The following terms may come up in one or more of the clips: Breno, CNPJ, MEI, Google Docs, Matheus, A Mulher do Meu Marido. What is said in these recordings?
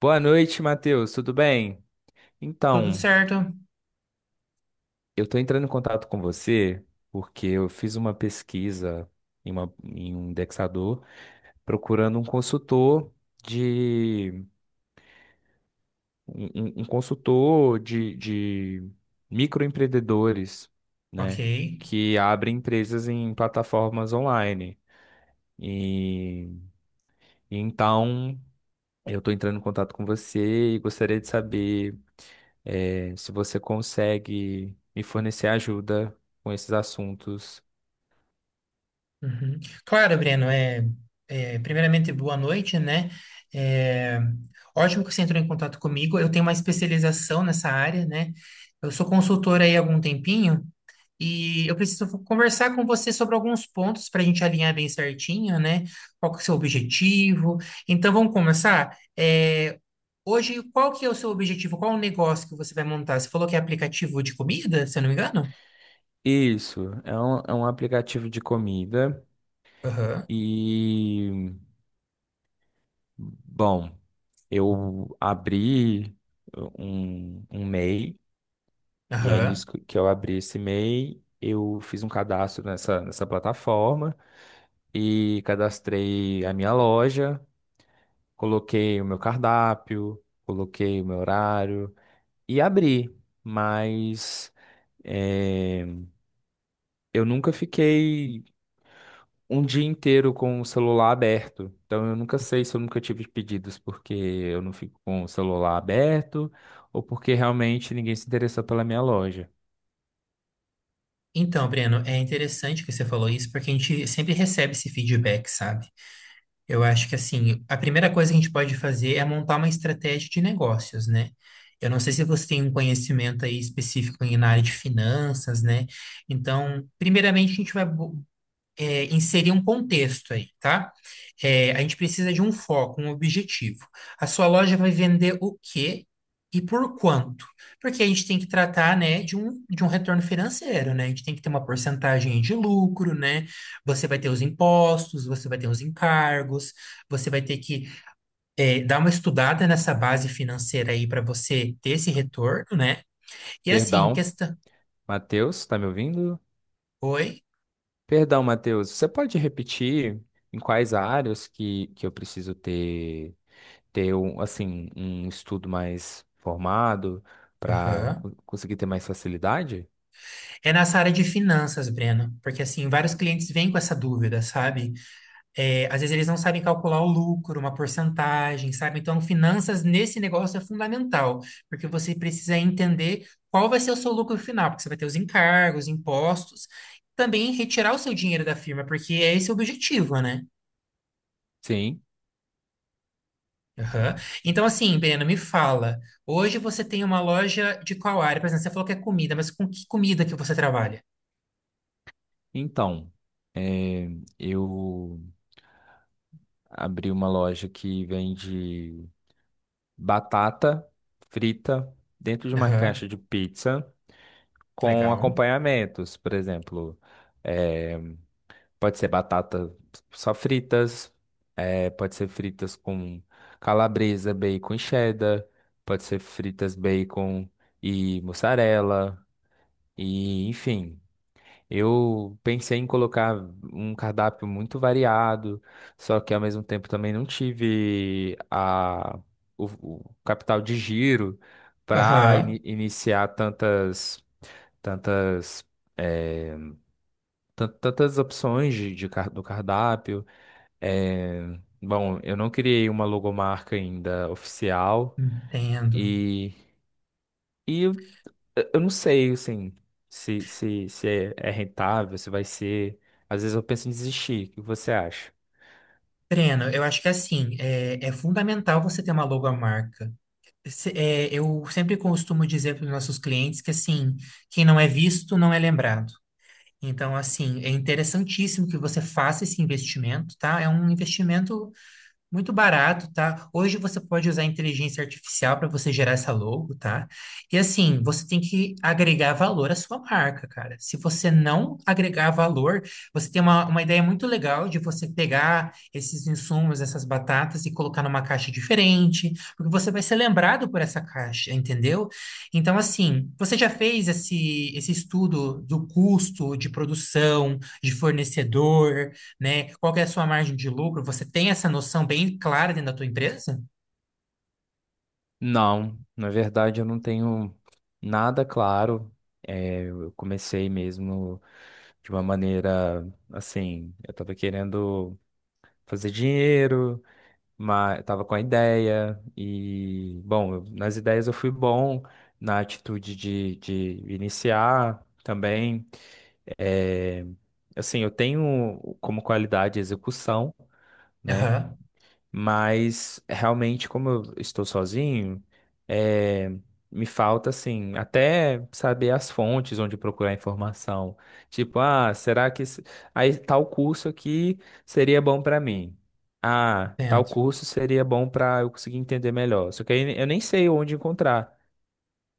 Boa noite, Matheus, tudo bem? Tudo Então, certo. eu estou entrando em contato com você porque eu fiz uma pesquisa em um indexador procurando um consultor de um, um consultor de microempreendedores, Ok. né, que abre empresas em plataformas online. E então Eu estou entrando em contato com você e gostaria de saber se você consegue me fornecer ajuda com esses assuntos. Uhum. Claro, Breno, primeiramente, boa noite, né? É, Ótimo que você entrou em contato comigo. Eu tenho uma especialização nessa área, né? Eu sou consultora aí há algum tempinho e eu preciso conversar com você sobre alguns pontos para a gente alinhar bem certinho, né? Qual que é o seu objetivo? Então, vamos começar? Hoje, qual que é o seu objetivo? Qual o negócio que você vai montar? Você falou que é aplicativo de comida, se eu não me engano? Isso, é um aplicativo de comida Aham, e, bom, eu abri um MEI e aí aham. nisso que eu abri esse M e MEI, eu fiz um cadastro nessa plataforma e cadastrei a minha loja. Coloquei o meu cardápio, coloquei o meu horário e abri, mas eh, eu nunca fiquei um dia inteiro com o celular aberto. Então eu nunca sei se eu nunca tive pedidos porque eu não fico com o celular aberto ou porque realmente ninguém se interessou pela minha loja. Então, Breno, é interessante que você falou isso, porque a gente sempre recebe esse feedback, sabe? Eu acho que, assim, a primeira coisa que a gente pode fazer é montar uma estratégia de negócios, né? Eu não sei se você tem um conhecimento aí específico na área de finanças, né? Então, primeiramente, a gente vai bu- é, inserir um contexto aí, tá? É, a gente precisa de um foco, um objetivo. A sua loja vai vender o quê e por quanto? Porque a gente tem que tratar, né, de um retorno financeiro, né? A gente tem que ter uma porcentagem aí de lucro, né? Você vai ter os impostos, você vai ter os encargos, você vai ter que dar uma estudada nessa base financeira aí para você ter esse retorno, né? E assim, Perdão, questão. Matheus, tá me ouvindo? Oi? Perdão, Matheus, você pode repetir em quais áreas que eu preciso ter? Ter um, assim, um estudo mais formado para Aham. conseguir ter mais facilidade? É nessa área de finanças, Breno, porque assim, vários clientes vêm com essa dúvida, sabe? É, às vezes eles não sabem calcular o lucro, uma porcentagem, sabe? Então, finanças nesse negócio é fundamental, porque você precisa entender qual vai ser o seu lucro final, porque você vai ter os encargos, impostos, também retirar o seu dinheiro da firma, porque é esse o objetivo, né? Sim. Aham. Então, assim, Breno, me fala, hoje você tem uma loja de qual área? Por exemplo, você falou que é comida, mas com que comida que você trabalha? Então, eh, eu abri uma loja que vende batata frita dentro de uma Aham, caixa de pizza com legal. acompanhamentos, por exemplo. eh, Pode ser batata só fritas, é, pode ser fritas com calabresa, bacon e cheddar, pode ser fritas bacon e mussarela, e enfim. Eu pensei em colocar um cardápio muito variado, só que ao mesmo tempo também não tive o, o capital de giro para Aham. iniciar tantas, tantas, é, tantas opções de do cardápio. É, bom, eu não criei uma logomarca ainda oficial Entendo. e, e eu, eu não sei, assim, se é rentável, se vai ser. Às vezes eu penso em desistir. O que você acha? Breno, eu acho que assim, é fundamental você ter uma logomarca. Eu sempre costumo dizer para os nossos clientes que assim, quem não é visto não é lembrado. Então, assim, é interessantíssimo que você faça esse investimento, tá? É um investimento muito barato, tá? Hoje você pode usar a inteligência artificial para você gerar essa logo, tá? E assim, você tem que agregar valor à sua marca, cara. Se você não agregar valor, você tem uma ideia muito legal de você pegar esses insumos, essas batatas e colocar numa caixa diferente, porque você vai ser lembrado por essa caixa, entendeu? Então, assim, você já fez esse estudo do custo de produção, de fornecedor? Né? Qual que é a sua margem de lucro? Você tem essa noção bem clara dentro da tua empresa? Não, na verdade eu não tenho nada claro. É, eu comecei mesmo de uma maneira assim, eu tava querendo fazer dinheiro. Mas tava com a ideia e, bom, nas ideias eu fui bom, na atitude de iniciar também. É, assim, eu tenho como qualidade execução, né? Aham, Mas realmente, como eu estou sozinho, é, me falta assim, até saber as fontes onde procurar informação. Tipo, ah, será que aí, tal curso aqui seria bom para mim? Ah, tal entendo. curso seria bom para eu conseguir entender melhor. Só que aí eu nem sei onde encontrar.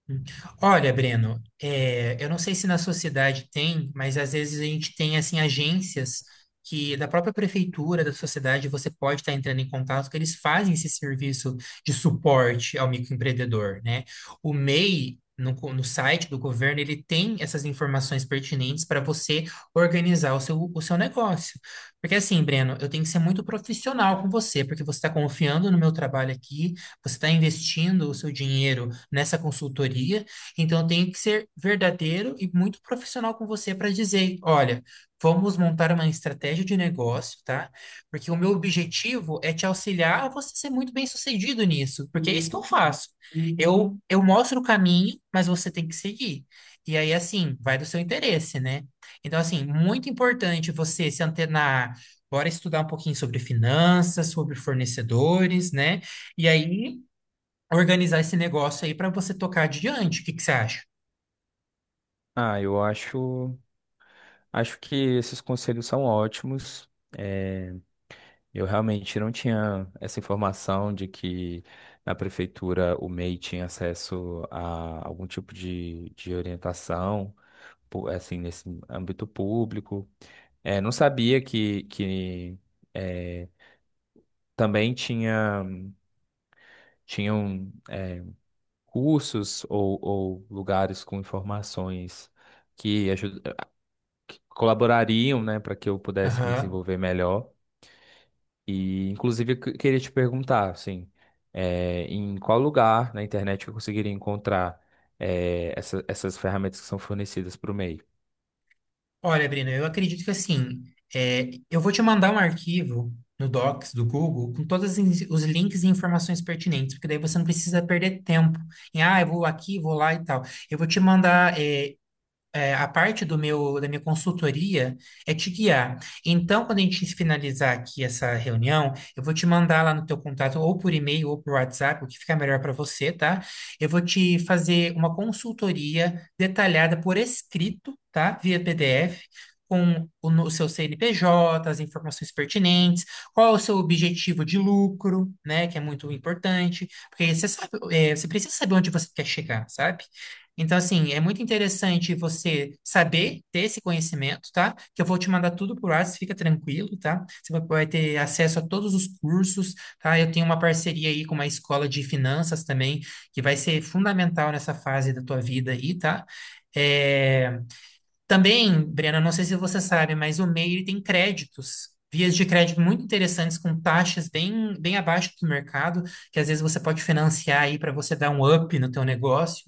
Hum. Olha, Breno, é, eu não sei se na sociedade tem, mas às vezes a gente tem assim agências que da própria prefeitura, da sociedade, você pode estar entrando em contato, que eles fazem esse serviço de suporte ao microempreendedor, né? O MEI no site do governo, ele tem essas informações pertinentes para você organizar o seu negócio. Porque assim, Breno, eu tenho que ser muito profissional com você, porque você está confiando no meu trabalho aqui, você está investindo o seu dinheiro nessa consultoria, então tem que ser verdadeiro e muito profissional com você para dizer, olha, vamos montar uma estratégia de negócio, tá? Porque o meu objetivo é te auxiliar a você ser muito bem-sucedido nisso, porque é isso que eu faço. Eu mostro o caminho, mas você tem que seguir. E aí, assim, vai do seu interesse, né? Então, assim, muito importante você se antenar, bora estudar um pouquinho sobre finanças, sobre fornecedores, né? E aí organizar esse negócio aí para você tocar adiante. O que que você acha? Ah, eu acho, acho que esses conselhos são ótimos. Eu realmente não tinha essa informação de que na prefeitura o MEI tinha acesso a algum tipo de orientação, assim, nesse âmbito público. É, não sabia que é, também tinham cursos ou lugares com informações que, aju- que colaborariam, né, para que eu pudesse me Aham. desenvolver melhor. E, inclusive, eu queria te perguntar, assim, em qual lugar na internet eu conseguiria encontrar essas ferramentas que são fornecidas para o MEI? Olha, Brina, eu acredito que assim, é, eu vou te mandar um arquivo no Docs do Google com todos os os links e informações pertinentes, porque daí você não precisa perder tempo em, ah, eu vou aqui, vou lá e tal. Eu vou te mandar, a parte da minha consultoria é te guiar. Então, quando a gente finalizar aqui essa reunião, eu vou te mandar lá no teu contato, ou por e-mail, ou por WhatsApp, o que ficar melhor para você, tá? Eu vou te fazer uma consultoria detalhada por escrito, tá? Via PDF. Com o, no- O seu CNPJ, as informações pertinentes, qual é o seu objetivo de lucro, né? Que é muito importante, porque você sabe, é, você precisa saber onde você quer chegar, sabe? Então, assim, é muito interessante você saber ter esse conhecimento, tá? Que eu vou te mandar tudo por WhatsApp, fica tranquilo, tá? Você vai ter acesso a todos os cursos, tá? Eu tenho uma parceria aí com uma escola de finanças também, que vai ser fundamental nessa fase da tua vida aí, tá? É... Também, Brena, não sei se você sabe, mas o MEI ele tem créditos, vias de crédito muito interessantes, com taxas bem abaixo do mercado, que às vezes você pode financiar aí para você dar um up no teu negócio,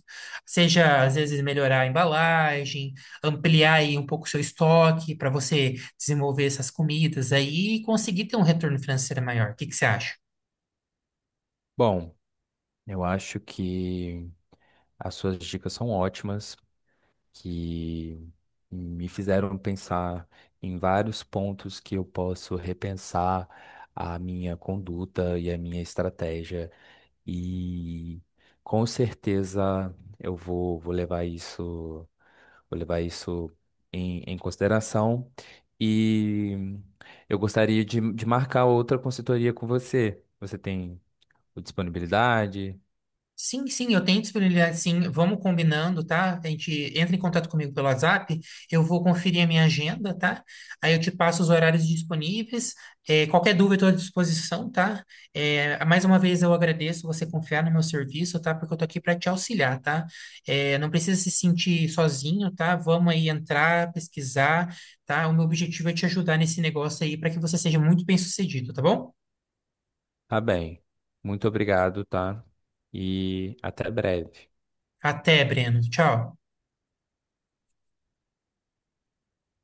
seja às vezes melhorar a embalagem, ampliar aí um pouco o seu estoque para você desenvolver essas comidas aí e conseguir ter um retorno financeiro maior. O que que você acha? Bom, eu acho que as suas dicas são ótimas, que me fizeram pensar em vários pontos que eu posso repensar a minha conduta e a minha estratégia, e com certeza eu vou levar isso. Vou levar isso em consideração. E eu gostaria de marcar outra consultoria com você. Você tem disponibilidade? Sim, sim, eu tenho disponibilidade, sim. Vamos combinando, tá? A gente entra em contato comigo pelo WhatsApp, eu vou conferir a minha agenda, tá? Aí eu te passo os horários disponíveis. É, qualquer dúvida, estou à disposição, tá? É, mais uma vez eu agradeço você confiar no meu serviço, tá? Porque eu tô aqui para te auxiliar, tá? É, não precisa se sentir sozinho, tá? Vamos aí entrar, pesquisar, tá? O meu objetivo é te ajudar nesse negócio aí para que você seja muito bem-sucedido, tá bom? Tá bem. Muito obrigado, tá? E até breve. Até, Breno. Tchau.